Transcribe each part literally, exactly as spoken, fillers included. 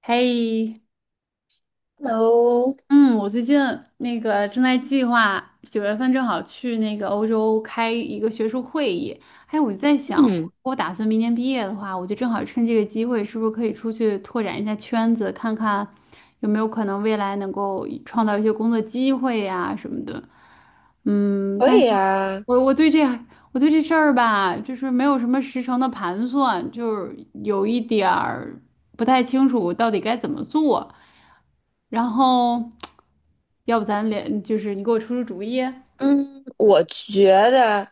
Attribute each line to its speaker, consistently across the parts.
Speaker 1: 嘿，
Speaker 2: Hello。
Speaker 1: 嗯，我最近那个正在计划，九月份正好去那个欧洲开一个学术会议。哎，我就在想，
Speaker 2: 嗯，
Speaker 1: 我打算明年毕业的话，我就正好趁这个机会，是不是可以出去拓展一下圈子，看看有没有可能未来能够创造一些工作机会呀、什么的。嗯，
Speaker 2: 可
Speaker 1: 但。
Speaker 2: 以啊。
Speaker 1: 我我对这我对这事儿吧，就是没有什么实诚的盘算，就是有一点儿不太清楚到底该怎么做。然后，要不咱俩就是你给我出出主意？
Speaker 2: 嗯，我觉得，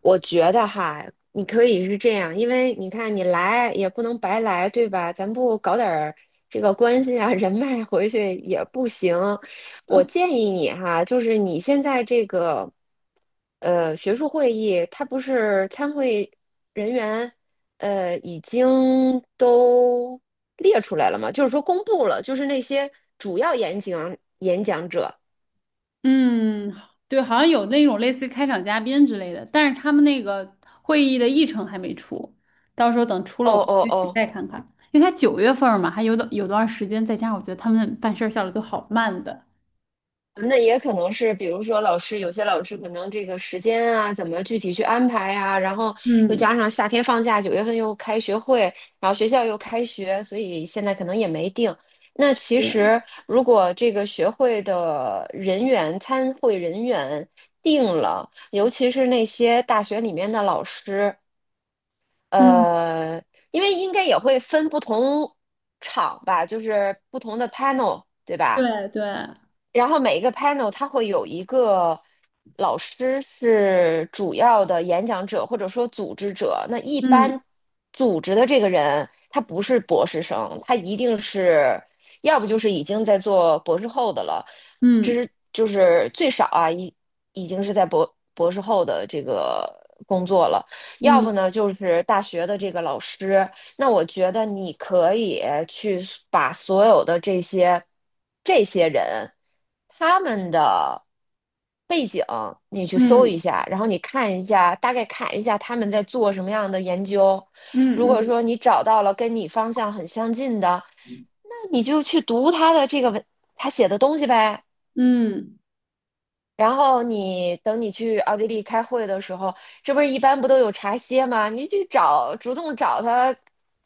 Speaker 2: 我觉得哈，你可以是这样，因为你看你来也不能白来，对吧？咱不搞点儿这个关系啊、人脉回去也不行。我建议你哈，就是你现在这个呃学术会议，它不是参会人员呃已经都列出来了吗？就是说公布了，就是那些主要演讲演讲者。
Speaker 1: 嗯，对，好像有那种类似于开场嘉宾之类的，但是他们那个会议的议程还没出，到时候等出了
Speaker 2: 哦
Speaker 1: 我
Speaker 2: 哦
Speaker 1: 具体
Speaker 2: 哦。
Speaker 1: 再看看，因为他九月份儿嘛，还有的有段时间，再加上我觉得他们办事儿效率都好慢的。
Speaker 2: 那也可能是，比如说老师，有些老师可能这个时间啊，怎么具体去安排呀、然后又
Speaker 1: 嗯。
Speaker 2: 加上夏天放假，九月份又开学会，然后学校又开学，所以现在可能也没定。那其
Speaker 1: 对。
Speaker 2: 实如果这个学会的人员、参会人员定了，尤其是那些大学里面的老师，
Speaker 1: 嗯。
Speaker 2: 呃，因为应该也会分不同场吧，就是不同的 panel，对吧？
Speaker 1: 对对。
Speaker 2: 然后每一个 panel 它会有一个老师是主要的演讲者或者说组织者。那一
Speaker 1: 嗯
Speaker 2: 般组织的这个人，他不是博士生，他一定是要不就是已经在做博士后的了，这
Speaker 1: 嗯
Speaker 2: 是就是最少啊，已已经是在博博士后的这个工作了。要
Speaker 1: 嗯
Speaker 2: 不呢，就是大学的这个老师，那我觉得你可以去把所有的这些这些人他们的背景，你去搜
Speaker 1: 嗯
Speaker 2: 一下，然后你看一下，大概看一下他们在做什么样的研究。如
Speaker 1: 嗯
Speaker 2: 果
Speaker 1: 嗯
Speaker 2: 说你找到了跟你方向很相近的，那你就去读他的这个文，他写的东西呗。
Speaker 1: 嗯，
Speaker 2: 然后你等你去奥地利开会的时候，这不是一般不都有茶歇吗？你去找，主动找他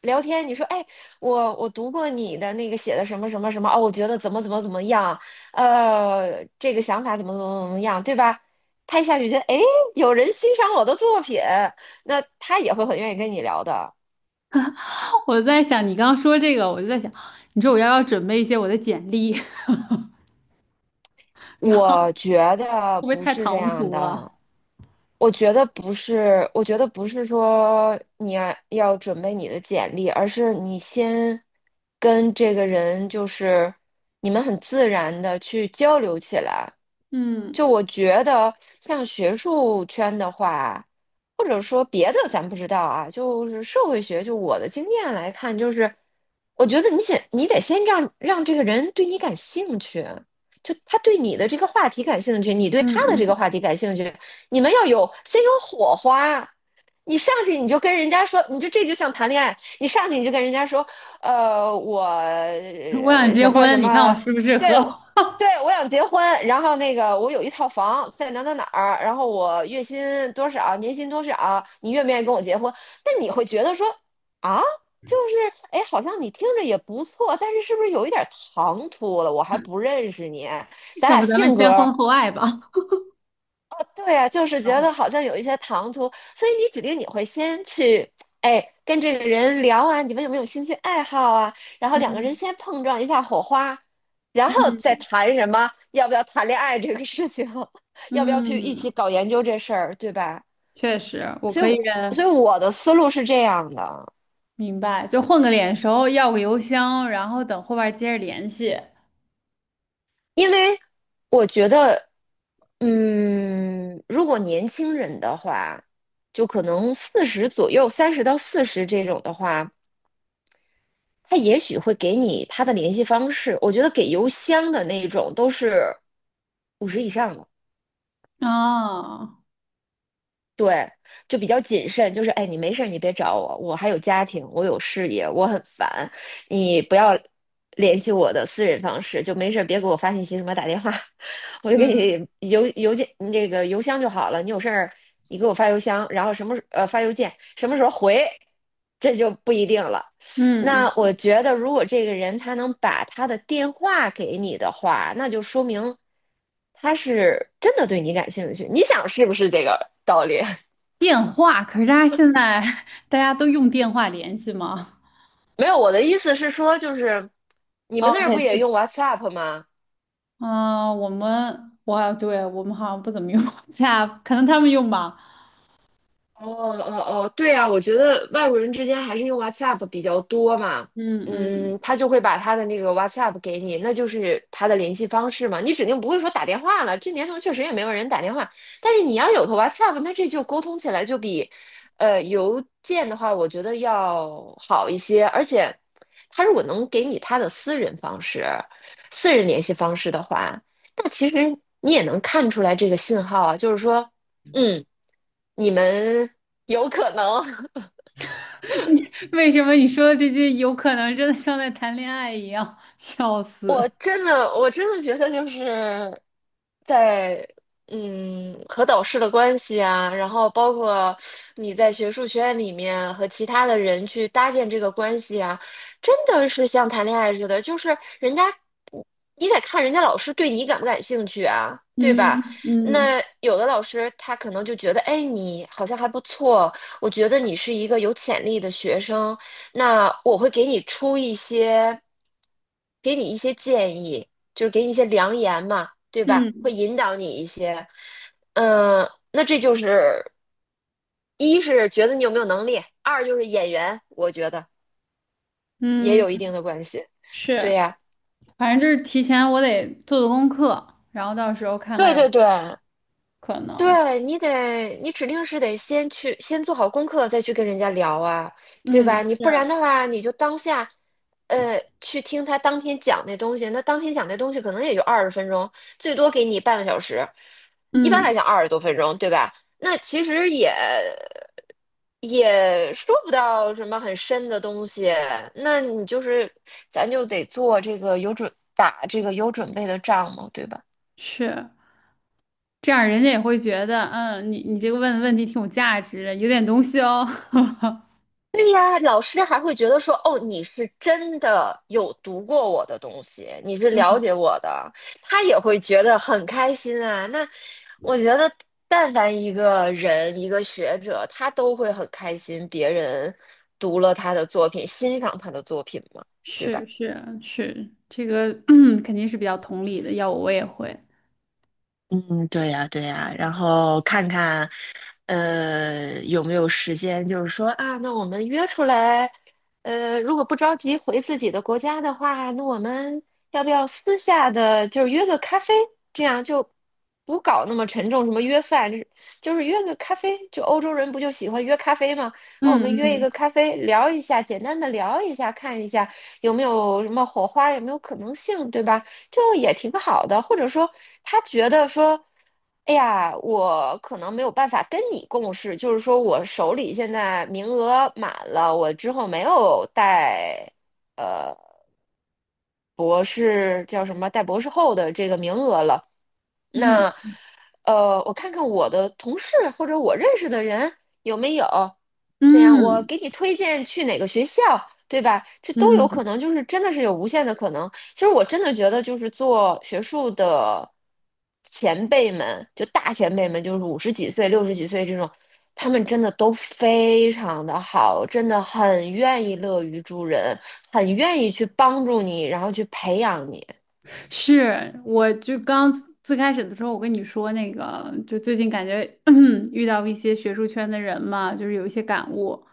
Speaker 2: 聊天。你说，哎，我我读过你的那个写的什么什么什么，哦，我觉得怎么怎么怎么样，呃，这个想法怎么怎么怎么样，对吧？他一下就觉得，哎，有人欣赏我的作品，那他也会很愿意跟你聊的。
Speaker 1: 我在想你刚刚说这个，我就在想，你说我要不要准备一些我的简历，然后
Speaker 2: 我觉
Speaker 1: 会
Speaker 2: 得
Speaker 1: 不会
Speaker 2: 不
Speaker 1: 太
Speaker 2: 是这
Speaker 1: 唐
Speaker 2: 样
Speaker 1: 突
Speaker 2: 的，
Speaker 1: 了？
Speaker 2: 我觉得不是，我觉得不是说你要要准备你的简历，而是你先跟这个人就是你们很自然的去交流起来。
Speaker 1: 嗯。
Speaker 2: 就我觉得像学术圈的话，或者说别的咱不知道啊，就是社会学，就我的经验来看，就是我觉得你先你得先让让这个人对你感兴趣。就他对你的这个话题感兴趣，你对他的这
Speaker 1: 嗯
Speaker 2: 个话题感兴趣，你们要有先有火花。你上去你就跟人家说，你就这就像谈恋爱，你上去你就跟人家说，呃，我
Speaker 1: 嗯我想
Speaker 2: 呃
Speaker 1: 结
Speaker 2: 什么什
Speaker 1: 婚，你看我
Speaker 2: 么，
Speaker 1: 适不适合？
Speaker 2: 对，我 对，我想结婚，然后那个我有一套房在哪哪哪儿，然后我月薪多少，年薪多少，你愿不愿意跟我结婚？那你会觉得说啊，就是哎，好像你听着也不错，但是是不是有一点儿唐突了？我还不认识你，咱
Speaker 1: 要
Speaker 2: 俩
Speaker 1: 不咱们
Speaker 2: 性格。
Speaker 1: 先婚后爱吧？
Speaker 2: 对啊，就是觉
Speaker 1: 哦。
Speaker 2: 得好像有一些唐突，所以你指定你会先去，哎，跟这个人聊啊，你们有没有兴趣爱好啊？然后两个人
Speaker 1: 嗯。
Speaker 2: 先碰撞一下火花，然后再
Speaker 1: 嗯
Speaker 2: 谈什么要不要谈恋爱这个事情，要不要去一
Speaker 1: 嗯，
Speaker 2: 起搞研究这事儿，对吧？
Speaker 1: 确实，我
Speaker 2: 所以
Speaker 1: 可以
Speaker 2: 我，所以我的思路是这样的，
Speaker 1: 明白，就混个脸熟，要个邮箱，然后等后边接着联系。
Speaker 2: 因为我觉得，嗯，如果年轻人的话，就可能四十左右，三十到四十这种的话。他也许会给你他的联系方式。我觉得给邮箱的那种都是五十以上的。
Speaker 1: 哦。
Speaker 2: 对，就比较谨慎，就是哎，你没事儿你别找我，我还有家庭，我有事业，我很烦，你不要联系我的私人方式，就没事儿别给我发信息什么打电话，我就给
Speaker 1: 嗯
Speaker 2: 你邮邮件这个邮箱就好了，你有事儿你给我发邮箱，然后什么时呃发邮件，什么时候回，这就不一定了。
Speaker 1: 嗯
Speaker 2: 那
Speaker 1: 嗯
Speaker 2: 我觉得，如果这个人他能把他的电话给你的话，那就说明他是真的对你感兴趣。你想是不是这个道理？
Speaker 1: 电话，可是大家现在 大家都用电话联系吗？
Speaker 2: 没有，我的意思是说，就是你们那儿
Speaker 1: OK，
Speaker 2: 不也
Speaker 1: 这
Speaker 2: 用 WhatsApp 吗？
Speaker 1: 啊、我们，哇，对，我们好像不怎么用 w h 可能他们用吧。
Speaker 2: 哦哦哦，对啊，我觉得外国人之间还是用 WhatsApp 比较多嘛。
Speaker 1: 嗯
Speaker 2: 嗯，
Speaker 1: 嗯。
Speaker 2: 他就会把他的那个 WhatsApp 给你，那就是他的联系方式嘛。你指定不会说打电话了，这年头确实也没有人打电话，但是你要有个 WhatsApp，那这就沟通起来就比呃邮件的话，我觉得要好一些，而且他如果能给你他的私人方式、私人联系方式的话，那其实你也能看出来这个信号啊，就是说。嗯，你们有可能，
Speaker 1: 为什么你说的这些有可能真的像在谈恋爱一样？笑
Speaker 2: 我
Speaker 1: 死。
Speaker 2: 真的，我真的觉得就是在嗯和导师的关系啊，然后包括你在学术学院里面和其他的人去搭建这个关系啊，真的是像谈恋爱似的，就是人家你得看人家老师对你感不感兴趣啊，对吧？
Speaker 1: 嗯嗯
Speaker 2: 那有的老师他可能就觉得，哎，你好像还不错，我觉得你是一个有潜力的学生。那我会给你出一些，给你一些建议，就是给你一些良言嘛，对吧？
Speaker 1: 嗯
Speaker 2: 会引导你一些，嗯，那这就是一是觉得你有没有能力，二就是演员，我觉得也
Speaker 1: 嗯，
Speaker 2: 有一定的关系。对
Speaker 1: 是，
Speaker 2: 呀，
Speaker 1: 反正就是提前我得做做功课，然后到时候看看
Speaker 2: 对
Speaker 1: 有
Speaker 2: 对对，
Speaker 1: 可能。
Speaker 2: 对，你得，你指定是得先去，先做好功课，再去跟人家聊啊，对
Speaker 1: 嗯，
Speaker 2: 吧？你不然
Speaker 1: 是。
Speaker 2: 的话，你就当下，呃，去听他当天讲那东西，那当天讲那东西可能也就二十分钟，最多给你半个小时，一般
Speaker 1: 嗯。
Speaker 2: 来讲二十多分钟，对吧？那其实也也说不到什么很深的东西，那你就是，咱就得做这个有准，打这个有准备的仗嘛，对吧？
Speaker 1: 是。这样人家也会觉得，嗯，你你这个问的问题挺有价值的，有点东西哦。
Speaker 2: 对呀，老师还会觉得说，哦，你是真的有读过我的东西，你是了
Speaker 1: 嗯，
Speaker 2: 解我的，他也会觉得很开心啊。那我觉得，但凡一个人，一个学者，他都会很开心，别人读了他的作品，欣赏他的作品嘛，对吧？
Speaker 1: 是是是，这个 肯定是比较同理的，要我我也会。
Speaker 2: 嗯，对呀，对呀，然后看看，呃，有没有时间，就是说啊，那我们约出来，呃，如果不着急回自己的国家的话，那我们要不要私下的就是约个咖啡，这样就不搞那么沉重，什么约饭，就是就是约个咖啡，就欧洲人不就喜欢约咖啡吗？那我们约一
Speaker 1: 嗯
Speaker 2: 个咖啡，聊一下，简单的聊一下，看一下有没有什么火花，有没有可能性，对吧？就也挺好的，或者说他觉得说，哎呀，我可能没有办法跟你共事，就是说我手里现在名额满了，我之后没有带呃，博士叫什么带博士后的这个名额了，
Speaker 1: 嗯
Speaker 2: 那呃，我看看我的同事或者我认识的人有没有，这样我
Speaker 1: 嗯
Speaker 2: 给你推荐去哪个学校，对吧？这都
Speaker 1: 嗯
Speaker 2: 有
Speaker 1: 嗯。
Speaker 2: 可能，就是真的是有无限的可能。其实我真的觉得，就是做学术的前辈们，就大前辈们，就是五十几岁、六十几岁这种，他们真的都非常的好，真的很愿意乐于助人，很愿意去帮助你，然后去培养你。
Speaker 1: 是，我就刚最开始的时候，我跟你说那个，就最近感觉 遇到一些学术圈的人嘛，就是有一些感悟。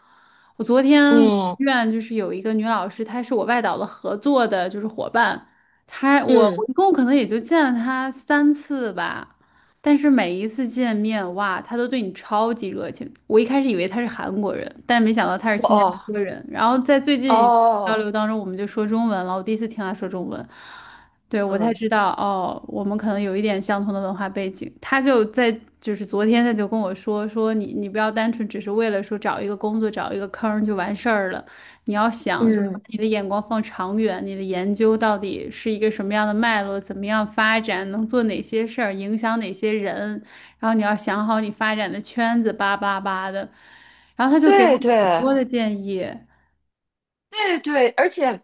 Speaker 1: 我昨天我
Speaker 2: 嗯
Speaker 1: 院就是有一个女老师，她是我外导的合作的，就是伙伴。她我
Speaker 2: 嗯，
Speaker 1: 我一共可能也就见了她三次吧，但是每一次见面，哇，她都对你超级热情。我一开始以为她是韩国人，但没想到她是新加
Speaker 2: 哦
Speaker 1: 坡人。然后在最近交
Speaker 2: 哦，
Speaker 1: 流当中，我们就说中文了，我第一次听她说中文。对，我才
Speaker 2: 嗯，
Speaker 1: 知道哦，我们可能有一点相同的文化背景。他就在就是昨天他就跟我说说你你不要单纯只是为了说找一个工作找一个坑儿就完事儿了，你要想就是把
Speaker 2: 嗯，
Speaker 1: 你的眼光放长远，你的研究到底是一个什么样的脉络，怎么样发展，能做哪些事儿，影响哪些人，然后你要想好你发展的圈子，叭叭叭的。然后他就给我
Speaker 2: 对
Speaker 1: 很
Speaker 2: 对
Speaker 1: 多的建议，
Speaker 2: 对。对，而且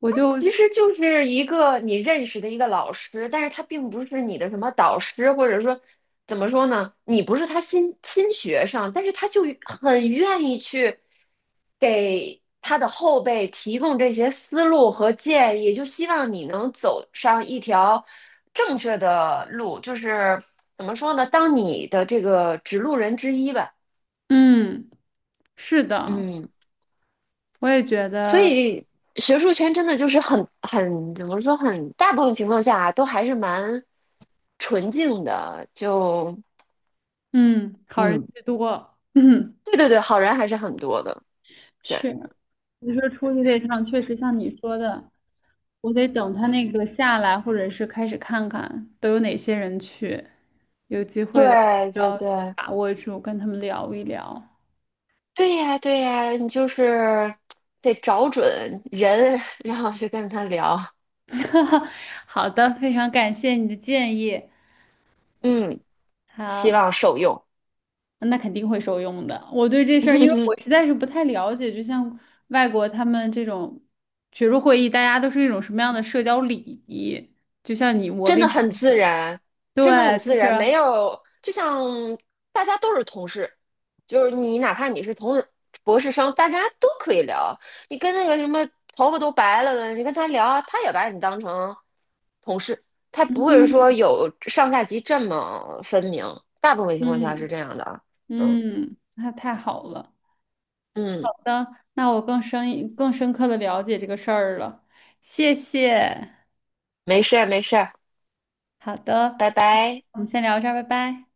Speaker 1: 我就
Speaker 2: 其实就是一个你认识的一个老师，但是他并不是你的什么导师，或者说怎么说呢，你不是他新新学生，但是他就很愿意去给他的后辈提供这些思路和建议，就希望你能走上一条正确的路，就是怎么说呢，当你的这个指路人之一吧。
Speaker 1: 嗯，是的，
Speaker 2: 嗯。
Speaker 1: 我也觉
Speaker 2: 所
Speaker 1: 得。
Speaker 2: 以学术圈真的就是很很怎么说很大部分情况下啊都还是蛮纯净的。就
Speaker 1: 嗯，好人
Speaker 2: 嗯，
Speaker 1: 居多。嗯
Speaker 2: 对对对，好人还是很多的，对
Speaker 1: 是，你说出去这趟确实像你说的，我得等他那个下来，或者是开始看看都有哪些人去，
Speaker 2: 对对。
Speaker 1: 要
Speaker 2: 对，
Speaker 1: 把握住，跟他们聊一聊。
Speaker 2: 对呀对呀，你就是得找准人，然后去跟他聊。
Speaker 1: 好的，非常感谢你的建议。
Speaker 2: 嗯，希
Speaker 1: 好，
Speaker 2: 望受用。
Speaker 1: 那肯定会受用的。我对这事儿，因为我实 在是不太了解，就像外国他们这种学术会议，大家都是一种什么样的社交礼仪？就像你，我
Speaker 2: 真
Speaker 1: 跟
Speaker 2: 的
Speaker 1: 你
Speaker 2: 很
Speaker 1: 说
Speaker 2: 自
Speaker 1: 的。
Speaker 2: 然，真的很
Speaker 1: 对，就
Speaker 2: 自
Speaker 1: 是，
Speaker 2: 然，没有，就像大家都是同事，就是你哪怕你是同事博士生，大家都可以聊。你跟那个什么头发都白了的，你跟他聊，他也把你当成同事，他不会说有上下级这么分明，大部分情况下是
Speaker 1: 嗯
Speaker 2: 这样的啊。嗯
Speaker 1: 嗯，那太好了。好
Speaker 2: 嗯，
Speaker 1: 的，那我更深一更深刻的了解这个事儿了，谢谢。
Speaker 2: 没事儿没事儿，
Speaker 1: 好的，
Speaker 2: 拜拜。
Speaker 1: 我们先聊这儿，拜拜。